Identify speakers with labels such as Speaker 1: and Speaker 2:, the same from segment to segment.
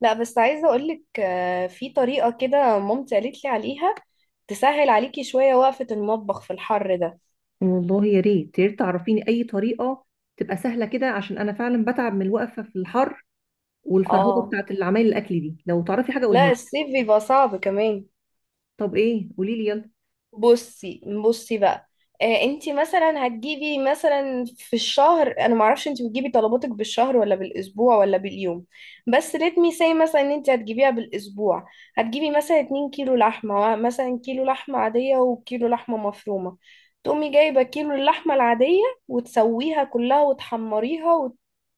Speaker 1: لا، بس عايزة أقولك، في طريقة كده مامتي قالت لي عليها، تسهل عليكي شوية وقفة المطبخ في الحر ده.
Speaker 2: والله يا ريت يا ريت تعرفيني اي طريقه تبقى سهله كده، عشان انا فعلا بتعب من الوقفه في الحر، والفرهده
Speaker 1: اه.
Speaker 2: بتاعت العمايل الاكل دي. لو تعرفي حاجه قولها
Speaker 1: لا،
Speaker 2: لي.
Speaker 1: الصيف بيبقى صعب كمان.
Speaker 2: طب ايه؟ قولي لي يلا.
Speaker 1: بصي بصي بقى. انتي مثلا هتجيبي، مثلا في الشهر، انا معرفش انتي بتجيبي طلباتك بالشهر ولا بالاسبوع ولا باليوم، بس let me say مثلا ان انتي هتجيبيها بالاسبوع. هتجيبي مثلا 2 كيلو لحمه، مثلا كيلو لحمه عاديه وكيلو لحمه مفرومه. تقومي جايبه كيلو اللحمه العاديه وتسويها كلها وتحمريها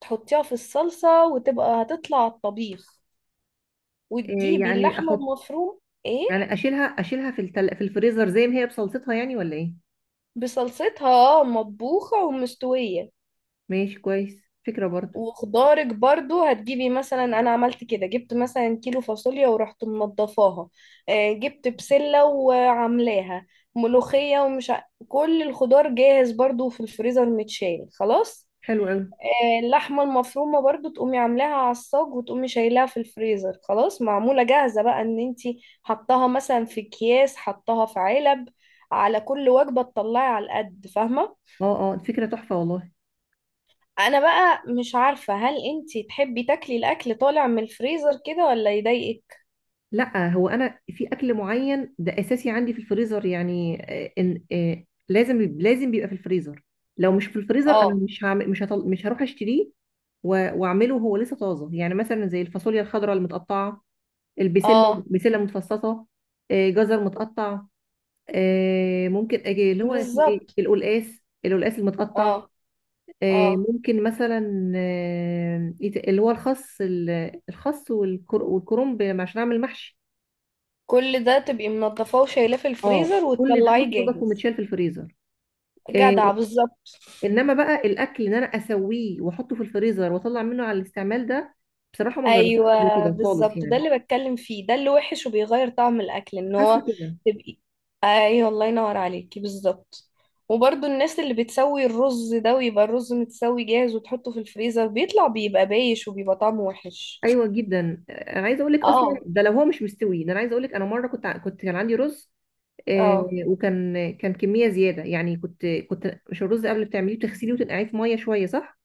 Speaker 1: وتحطيها في الصلصه، وتبقى هتطلع على الطبيخ.
Speaker 2: إيه
Speaker 1: وتجيبي
Speaker 2: يعني؟
Speaker 1: اللحمه
Speaker 2: احط
Speaker 1: المفروم. ايه،
Speaker 2: يعني؟ اشيلها في الفريزر زي ما هي بصلصتها، يعني ولا ايه؟
Speaker 1: بصلصتها، اه، مطبوخه ومستويه.
Speaker 2: ماشي، كويس، فكره برضو.
Speaker 1: وخضارك برضو هتجيبي، مثلا انا عملت كده، جبت مثلا كيلو فاصوليا ورحت منضفاها. جبت بسلة وعاملاها ملوخية، كل الخضار جاهز برضو في الفريزر، متشال خلاص.
Speaker 2: حلو قوي.
Speaker 1: اللحمة المفرومة برضو تقومي عاملاها على الصاج، وتقومي شايلاها في الفريزر خلاص، معمولة جاهزة بقى، ان انتي حطاها مثلا في اكياس، حطاها في علب، على كل وجبة تطلعي على القد، فاهمة.
Speaker 2: اه اه، فكره تحفه والله.
Speaker 1: انا بقى مش عارفة، هل انتي تحبي تاكلي الاكل طالع من الفريزر كده ولا يضايقك؟
Speaker 2: لا، هو انا في اكل معين ده اساسي عندي في الفريزر يعني. إن آه، لازم بيبقى في الفريزر. لو مش في الفريزر انا
Speaker 1: اه،
Speaker 2: مش هعمل مش هطل... مش هروح اشتريه. واعمله هو لسه طازه، يعني مثلا زي الفاصوليا الخضراء المتقطعه، البسله،
Speaker 1: اه،
Speaker 2: بسله متفصصه، جزر متقطع، ممكن اجي اللي هو اسمه ايه،
Speaker 1: بالظبط.
Speaker 2: القلقاس، القلقاس المتقطع،
Speaker 1: اه، اه،
Speaker 2: ممكن مثلا اللي هو الخس الخس والكرنب عشان اعمل محشي.
Speaker 1: كل ده تبقي منضفاه وشايلاه في
Speaker 2: اه،
Speaker 1: الفريزر
Speaker 2: كل ده
Speaker 1: وتطلعيه
Speaker 2: متنضف
Speaker 1: جاهز.
Speaker 2: ومتشال في الفريزر. آه،
Speaker 1: جدع، بالظبط.
Speaker 2: انما بقى الاكل ان انا اسويه واحطه في الفريزر واطلع منه على الاستعمال ده، بصراحه ما جربتوش قبل
Speaker 1: ايوه
Speaker 2: كده خالص
Speaker 1: بالظبط، ده
Speaker 2: يعني.
Speaker 1: اللي بتكلم فيه، ده اللي وحش وبيغير طعم الاكل، ان
Speaker 2: حاسه
Speaker 1: هو
Speaker 2: كده.
Speaker 1: تبقي. ايوه، الله ينور عليكي بالظبط. وبرضو الناس اللي بتسوي الرز ده، ويبقى الرز متسوي جاهز وتحطه في الفريزر، بيطلع بيبقى بايش وبيبقى طعمه وحش.
Speaker 2: ايوه جدا. عايزه اقول لك، اصلا
Speaker 1: اه،
Speaker 2: ده لو هو مش مستوي، ده انا عايزه اقول لك انا مره كنت ع- كنت كان عندي رز. آه،
Speaker 1: اه،
Speaker 2: وكان كميه زياده يعني، كنت مش، الرز قبل بتعمليه بتغسليه وتنقعيه في ميه شويه صح؟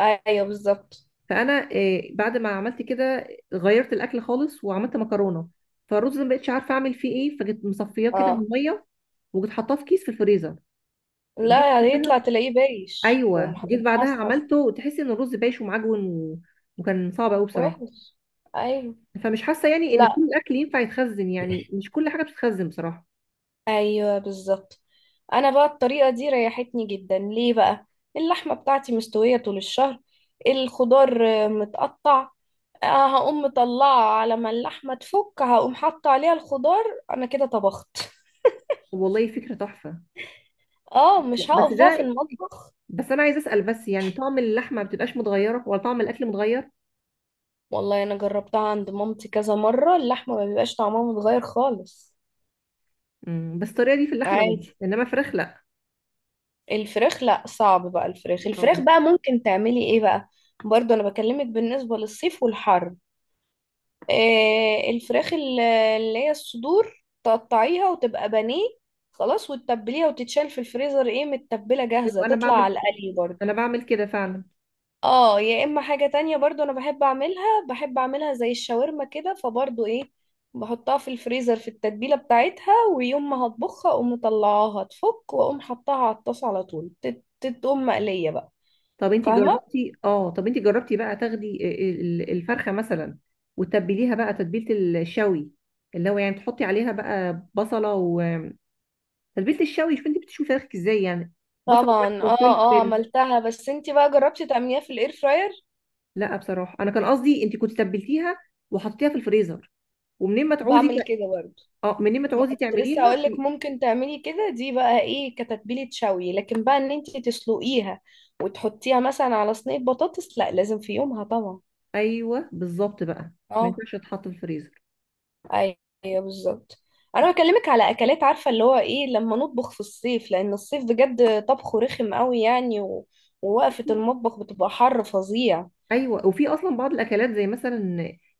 Speaker 1: ايوه بالظبط.
Speaker 2: فانا بعد ما عملت كده غيرت الاكل خالص وعملت مكرونه. فالرز ما بقتش عارفه اعمل فيه ايه، فجيت مصفياه كده من
Speaker 1: اه،
Speaker 2: الميه وجيت حطاه في كيس في الفريزر. جيت
Speaker 1: لا يعني
Speaker 2: بعدها،
Speaker 1: يطلع تلاقيه بايش
Speaker 2: ايوه جيت بعدها
Speaker 1: ومحصحص.
Speaker 2: عملته وتحسي ان الرز بايش ومعجون و، وكان صعب قوي بصراحه.
Speaker 1: وحش. ايوه.
Speaker 2: فمش حاسه يعني ان كل
Speaker 1: لا.
Speaker 2: الاكل ينفع يتخزن، يعني مش كل حاجه بتتخزن بصراحه.
Speaker 1: ايوه بالظبط. انا بقى الطريقه دي ريحتني جدا، ليه بقى؟ اللحمه بتاعتي مستويه طول الشهر، الخضار متقطع، هقوم مطلعه، على ما اللحمه تفك هقوم حاطه عليها الخضار، انا كده طبخت.
Speaker 2: والله فكره تحفه.
Speaker 1: اه، مش
Speaker 2: بس
Speaker 1: هقف بقى في
Speaker 2: ده،
Speaker 1: المطبخ.
Speaker 2: بس انا عايزه اسال بس، يعني طعم اللحمه ما بتبقاش متغيره ولا طعم الاكل متغير؟
Speaker 1: والله انا جربتها عند مامتي كذا مره، اللحمه ما بيبقاش طعمها متغير خالص.
Speaker 2: بس الطريقه دي في اللحمه بس،
Speaker 1: عادي.
Speaker 2: انما فراخ لا.
Speaker 1: الفراخ لا، صعب بقى، الفراخ، الفراخ
Speaker 2: اه.
Speaker 1: بقى ممكن تعملي ايه بقى؟ برضو انا بكلمك بالنسبة للصيف والحر. آه، الفراخ اللي هي الصدور، تقطعيها وتبقى بانيه خلاص، وتتبليها وتتشال في الفريزر، ايه، متبلة
Speaker 2: أيوة،
Speaker 1: جاهزة
Speaker 2: انا
Speaker 1: تطلع
Speaker 2: بعمل
Speaker 1: على
Speaker 2: كده.
Speaker 1: القلي برضو.
Speaker 2: انا بعمل كده فعلا.
Speaker 1: اه، يا اما حاجة تانية برضو انا بحب اعملها، بحب اعملها زي الشاورما كده، فبرضو ايه، بحطها في الفريزر في التتبيلة بتاعتها، ويوم ما هطبخها اقوم مطلعاها تفك، واقوم حطها على الطاسة على طول، تتقوم مقلية بقى. فاهمة.
Speaker 2: طب انت جربتي بقى، تاخدي الفرخه مثلا، وتتبليها بقى تتبيله الشوي، اللي هو يعني تحطي عليها بقى بصله وتتبيله الشوي. شوفي انت بتشوفي فراخك ازاي يعني. بصل وملح
Speaker 1: طبعا، اه اه،
Speaker 2: وفلفل.
Speaker 1: عملتها. بس انتي بقى جربتي تعمليها في الاير فراير؟
Speaker 2: لا بصراحه انا كان قصدي انت كنت تبلتيها وحطيتيها في الفريزر، ومنين ما تعوزي
Speaker 1: بعمل كده برضو.
Speaker 2: اه، منين ما
Speaker 1: ما
Speaker 2: تعوزي
Speaker 1: كنت لسه
Speaker 2: تعمليها.
Speaker 1: اقولك ممكن تعملي كده، دي بقى ايه، كتتبيلة شوي، لكن بقى ان انتي تسلقيها وتحطيها مثلا على صينية بطاطس، لا لازم في يومها طبعا.
Speaker 2: ايوه، بالظبط بقى. ما
Speaker 1: اه.
Speaker 2: ينفعش تتحط في الفريزر.
Speaker 1: ايوه بالظبط. انا بكلمك على اكلات، عارفه اللي هو ايه، لما نطبخ في الصيف، لان الصيف بجد طبخه رخم قوي يعني، ووقفه المطبخ بتبقى حر فظيع.
Speaker 2: ايوه، وفي اصلا بعض الاكلات زي مثلا،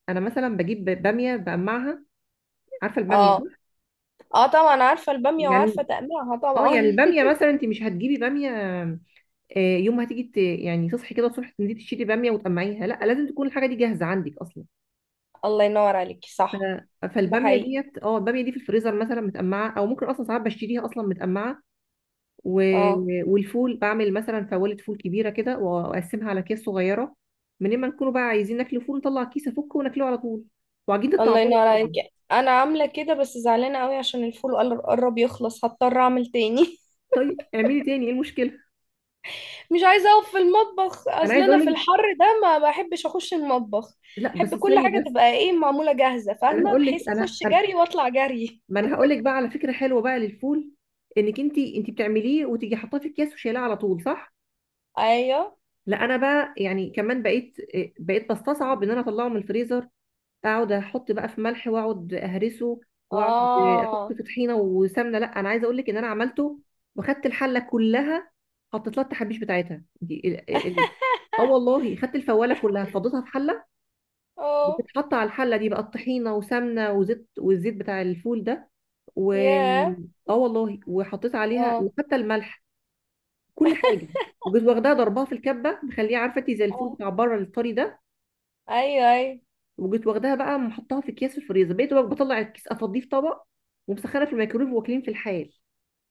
Speaker 2: انا مثلا بجيب باميه بقمعها. عارفه الباميه
Speaker 1: اه.
Speaker 2: صح؟
Speaker 1: اه طبعا عارفه الباميه، وعارفه
Speaker 2: يعني،
Speaker 1: تقليعها
Speaker 2: اه يعني
Speaker 1: طبعا.
Speaker 2: الباميه مثلا انت مش هتجيبي باميه، يوم ما هتيجي يعني تصحي كده الصبح تنزلي تشتري باميه وتقمعيها، لا لازم تكون الحاجه دي جاهزه عندك اصلا.
Speaker 1: الله ينور عليكي،
Speaker 2: ف-
Speaker 1: صح. ده
Speaker 2: فالباميه
Speaker 1: حقيقي.
Speaker 2: ديت اه الباميه دي في الفريزر مثلا متقمعه، او ممكن اصلا ساعات بشتريها اصلا متقمعه و،
Speaker 1: اه.
Speaker 2: والفول بعمل مثلا فوالة فول كبيرة كده وأقسمها على أكياس صغيرة. من ما نكونوا بقى عايزين ناكل فول نطلع كيس أفكه وناكله على طول. وعجينة
Speaker 1: الله
Speaker 2: الطعمية
Speaker 1: ينور
Speaker 2: برضه.
Speaker 1: عليكي، انا عامله كده، بس زعلانه قوي عشان الفول قرب يخلص، هضطر اعمل تاني.
Speaker 2: طيب اعملي تاني، إيه المشكلة؟
Speaker 1: مش عايزه اقف في المطبخ،
Speaker 2: أنا
Speaker 1: اصل
Speaker 2: عايزة
Speaker 1: انا
Speaker 2: أقول
Speaker 1: في
Speaker 2: لك،
Speaker 1: الحر ده ما بحبش اخش المطبخ.
Speaker 2: لا
Speaker 1: احب
Speaker 2: بس
Speaker 1: كل
Speaker 2: استني
Speaker 1: حاجه
Speaker 2: بس.
Speaker 1: تبقى ايه، معموله جاهزه،
Speaker 2: أنا
Speaker 1: فاهمه،
Speaker 2: هقول
Speaker 1: بحيث
Speaker 2: لك
Speaker 1: اخش جري واطلع جري.
Speaker 2: ما أنا هقول لك بقى على فكرة حلوة بقى للفول. إنك أنت بتعمليه وتيجي حاطاه في أكياس وشايلاه على طول، صح؟
Speaker 1: ايوه.
Speaker 2: لا أنا بقى يعني كمان بقيت، بقيت بستصعب إن أنا أطلعه من الفريزر، اقعد احط بقى في ملح واقعد اهرسه، واقعد احط
Speaker 1: اه.
Speaker 2: في طحينه وسمنه. لا انا عايزه اقول لك ان انا عملته، وخدت الحله كلها، حطيت لها التحابيش بتاعتها دي اه والله خدت الفواله كلها فضيتها في حله،
Speaker 1: اه.
Speaker 2: بتتحط على الحله دي بقى الطحينه وسمنه وزيت والزيت بتاع الفول ده، و،
Speaker 1: ياه.
Speaker 2: اه والله، وحطيت عليها
Speaker 1: اه.
Speaker 2: حتى الملح، كل حاجه، وجيت واخداها ضربها في الكبه، مخليها عارفه انت زي الفول
Speaker 1: اه.
Speaker 2: بتاع بره الطري ده،
Speaker 1: ايوه، ايوه.
Speaker 2: وجيت واخداها بقى محطها في اكياس في الفريزر. بقيت بقى بطلع الكيس افضيه في طبق ومسخنه في الميكرويف، واكلين في الحال.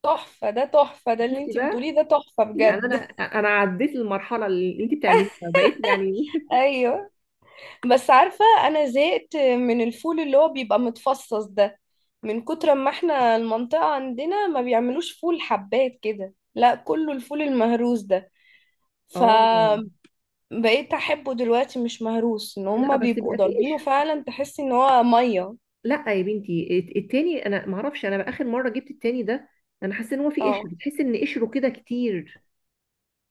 Speaker 1: تحفه ده، تحفه ده اللي
Speaker 2: شفتي
Speaker 1: انتي
Speaker 2: بقى؟
Speaker 1: بتقوليه، ده تحفه
Speaker 2: يعني انا،
Speaker 1: بجد.
Speaker 2: انا عديت المرحله اللي انت بتعمليها بقيت يعني.
Speaker 1: ايوه. بس عارفه، انا زهقت من الفول اللي هو بيبقى متفصص ده، من كتر ما احنا المنطقه عندنا ما بيعملوش فول حبات كده، لا كله الفول المهروس ده.
Speaker 2: اه.
Speaker 1: فبقيت احبه دلوقتي مش مهروس، ان
Speaker 2: لا
Speaker 1: هما
Speaker 2: بس
Speaker 1: بيبقوا
Speaker 2: بيبقى في
Speaker 1: ضاربينه
Speaker 2: قشر.
Speaker 1: فعلا، تحس ان هو ميه.
Speaker 2: لا يا بنتي، التاني انا ما اعرفش، انا بقى اخر مره جبت التاني ده، انا حاسه ان هو في قشر،
Speaker 1: اه.
Speaker 2: تحس ان قشره كده كتير.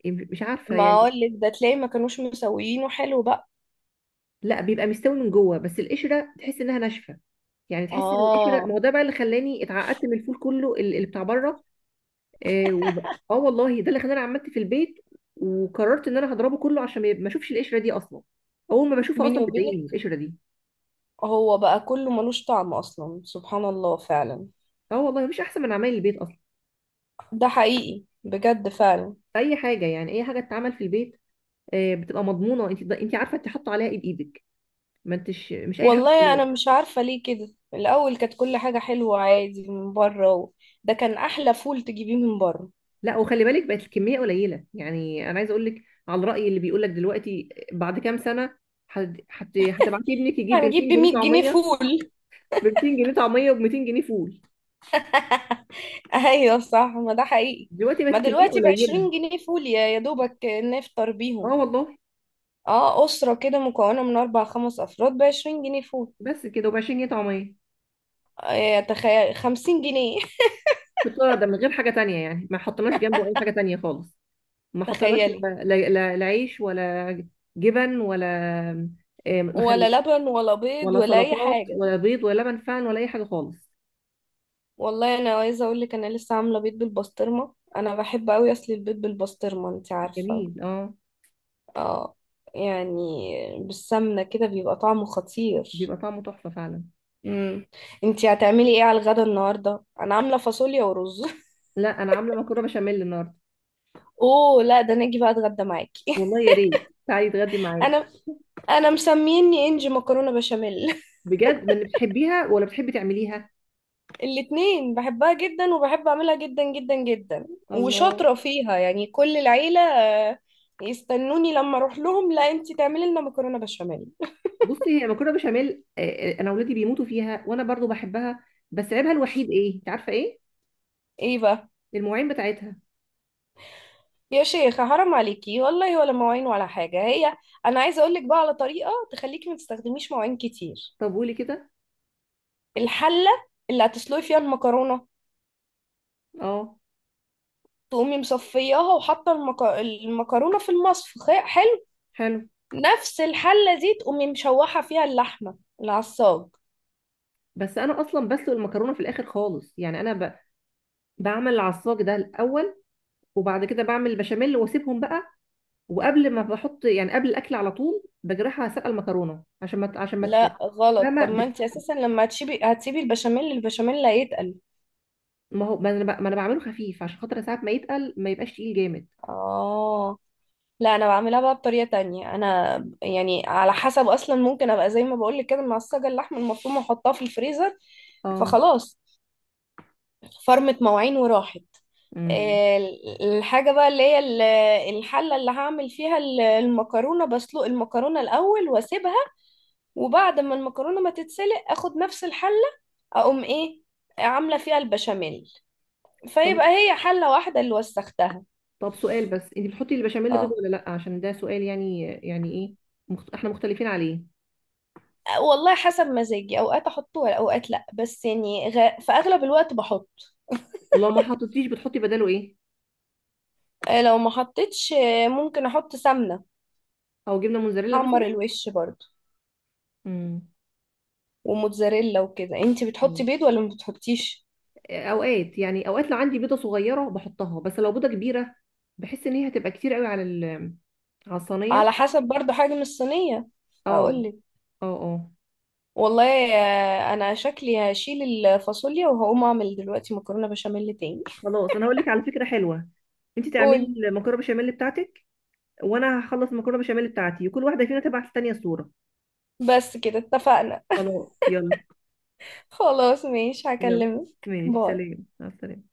Speaker 2: مش عارفه
Speaker 1: ما
Speaker 2: يعني.
Speaker 1: اقولك ده، تلاقي ما كانوش مسويينه حلو بقى.
Speaker 2: لا بيبقى مستوي من جوه، بس القشره تحس انها ناشفه، يعني تحس ان القشره، ما
Speaker 1: اه.
Speaker 2: هو ده بقى اللي خلاني اتعقدت من الفول كله، اللي بتاع بره. اه آه والله، ده اللي خلاني عملت في البيت، وقررت ان انا هضربه كله عشان ما اشوفش القشره دي اصلا. اول ما بشوفها
Speaker 1: بيني
Speaker 2: اصلا بتضايقني
Speaker 1: وبينك،
Speaker 2: القشره دي.
Speaker 1: هو بقى كله ملوش طعم اصلا، سبحان الله فعلا.
Speaker 2: اه والله، مفيش احسن من عمايل البيت اصلا.
Speaker 1: ده حقيقي بجد فعلا.
Speaker 2: اي حاجه يعني اي حاجه تتعمل في البيت، بتبقى مضمونه، انت عارفه انت حاطه عليها ايه بايدك، ما انتش مش اي حاجه
Speaker 1: والله
Speaker 2: خلاص.
Speaker 1: انا مش عارفه ليه كده، الاول كانت كل حاجه حلوه عادي من بره، ده كان احلى فول تجيبيه من بره.
Speaker 2: لا وخلي بالك بقت الكميه قليله، يعني انا عايزه اقول لك على الراي اللي بيقول لك دلوقتي بعد كام سنه، هتبعتي ابنك يجيب ب
Speaker 1: هنجيب
Speaker 2: 200
Speaker 1: ب
Speaker 2: جنيه
Speaker 1: 100 جنيه
Speaker 2: طعميه.
Speaker 1: فول.
Speaker 2: ب 200 جنيه طعميه وب 200 جنيه فول.
Speaker 1: ايوه صح، ما ده حقيقي.
Speaker 2: دلوقتي بقت
Speaker 1: ما
Speaker 2: الكميه
Speaker 1: دلوقتي
Speaker 2: قليله.
Speaker 1: بعشرين جنيه فول يا دوبك نفطر
Speaker 2: اه
Speaker 1: بيهم.
Speaker 2: والله.
Speaker 1: اه، أسرة كده مكونة من أربع خمس أفراد بعشرين جنيه فول.
Speaker 2: بس كده، وب 20 جنيه طعميه،
Speaker 1: تخيل خمسين جنيه.
Speaker 2: بالطريقه ده من غير حاجه تانية يعني، ما حطيناش جنبه اي حاجه تانية خالص. ما حطيناش
Speaker 1: تخيلي.
Speaker 2: لا لا عيش، ولا جبن، ولا مخلل،
Speaker 1: ولا لبن ولا بيض
Speaker 2: ولا
Speaker 1: ولا أي
Speaker 2: سلطات،
Speaker 1: حاجة.
Speaker 2: ولا بيض، ولا لبن فعلا، ولا اي حاجه خالص.
Speaker 1: والله أنا عايزة أقولك، أنا لسه عاملة بيض بالبسطرمة، أنا بحب أوي أصل البيض بالبسطرمة، أنت عارفة.
Speaker 2: جميل اه.
Speaker 1: اه. يعني بالسمنة كده بيبقى طعمه خطير.
Speaker 2: بيبقى طعمه تحفه فعلا.
Speaker 1: مم. انتي هتعملي ايه على الغدا النهاردة؟ انا عاملة فاصوليا ورز.
Speaker 2: لا انا عامله مكرونه بشاميل النهارده.
Speaker 1: اوه لا، ده انا اجي بقى اتغدى معاكي.
Speaker 2: والله يا ريت، تعالي تغدي معايا.
Speaker 1: انا انا مسميني انجي مكرونه بشاميل.
Speaker 2: بجد، من بتحبيها ولا بتحبي تعمليها؟
Speaker 1: الاتنين بحبها جدا وبحب اعملها جدا جدا جدا.
Speaker 2: الله.
Speaker 1: وشاطره فيها يعني، كل العيله يستنوني لما اروح لهم، لا انتي تعملي لنا مكرونه بشاميل.
Speaker 2: بصي، هي مكرونه بشاميل، انا اولادي بيموتوا فيها وانا برضو بحبها. بس عيبها الوحيد ايه، انت عارفه ايه؟
Speaker 1: ايه بقى؟
Speaker 2: المواعين بتاعتها.
Speaker 1: يا شيخه حرام عليكي والله، ولا مواعين ولا حاجه هي. انا عايزه اقول لك بقى على طريقه تخليكي ما تستخدميش مواعين كتير.
Speaker 2: طب قولي كده.
Speaker 1: الحله اللي هتسلقي فيها المكرونه،
Speaker 2: اه.
Speaker 1: تقومي مصفياها وحاطه المكرونه في المصفى،
Speaker 2: حلو.
Speaker 1: نفس الحلة دي تقومي مشوحة فيها اللحمة العصاج.
Speaker 2: بس انا اصلا بسلق المكرونه في الاخر خالص، يعني انا بعمل العصاج ده الاول، وبعد كده بعمل البشاميل واسيبهم بقى، وقبل ما بحط يعني قبل الاكل على طول بجرحها، سلق المكرونه عشان ما ت- عشان ما ت-
Speaker 1: لا غلط،
Speaker 2: فاهمه
Speaker 1: طب ما انت اساسا لما هتسيبي البشاميل، البشاميل لا يتقل.
Speaker 2: ما هو ما انا بعمله خفيف عشان خاطر ساعات ما يتقل، ما يبقاش تقيل جامد.
Speaker 1: اه. لا انا بعملها بقى بطريقة تانية انا، يعني على حسب، اصلا ممكن ابقى زي ما بقولك كده، معصجة اللحمة المفروم واحطها في الفريزر،
Speaker 2: اه.
Speaker 1: فخلاص فرمت مواعين وراحت.
Speaker 2: امم
Speaker 1: آه، الحاجة بقى اللي هي الحلة اللي هعمل فيها المكرونة، بسلق المكرونة الأول واسيبها، وبعد ما المكرونة ما تتسلق اخد نفس الحلة، اقوم ايه، عاملة فيها البشاميل،
Speaker 2: طب
Speaker 1: فيبقى هي حلة واحدة اللي وسختها.
Speaker 2: طب سؤال بس، انت بتحطي البشاميل بيض
Speaker 1: اه
Speaker 2: ولا لا؟ عشان ده سؤال يعني ايه، احنا مختلفين عليه.
Speaker 1: والله، حسب مزاجي، اوقات احطه اوقات لا، بس يعني في اغلب الوقت بحط.
Speaker 2: ولو ما حطيتيش بتحطي بداله ايه؟
Speaker 1: لو ما حطيتش، ممكن احط سمنة.
Speaker 2: او جبنه موزاريلا مثلا؟
Speaker 1: حمر الوش برضو.
Speaker 2: امم.
Speaker 1: وموتزاريلا وكده، انتي بتحطي
Speaker 2: مم.
Speaker 1: بيض ولا ما بتحطيش؟
Speaker 2: اوقات يعني، اوقات لو عندي بيضه صغيره بحطها، بس لو بيضه كبيره بحس ان هي هتبقى كتير قوي على على
Speaker 1: على
Speaker 2: الصينيه.
Speaker 1: حسب برضو حجم الصينية.
Speaker 2: اه
Speaker 1: اقولك
Speaker 2: اه اه.
Speaker 1: والله، انا شكلي هشيل الفاصوليا وهقوم اعمل دلوقتي مكرونة بشاميل تاني.
Speaker 2: خلاص، انا هقول لك على فكره حلوه. انت
Speaker 1: قولي.
Speaker 2: تعملي المكرونه بشاميل بتاعتك، وانا هخلص المكرونه بشاميل بتاعتي، وكل واحده فينا تبعت التانيه صوره.
Speaker 1: بس كده اتفقنا.
Speaker 2: خلاص يلا.
Speaker 1: خلاص ماشي،
Speaker 2: يلا.
Speaker 1: هكلمك،
Speaker 2: ماشي،
Speaker 1: باي.
Speaker 2: سلام، مع السلامه.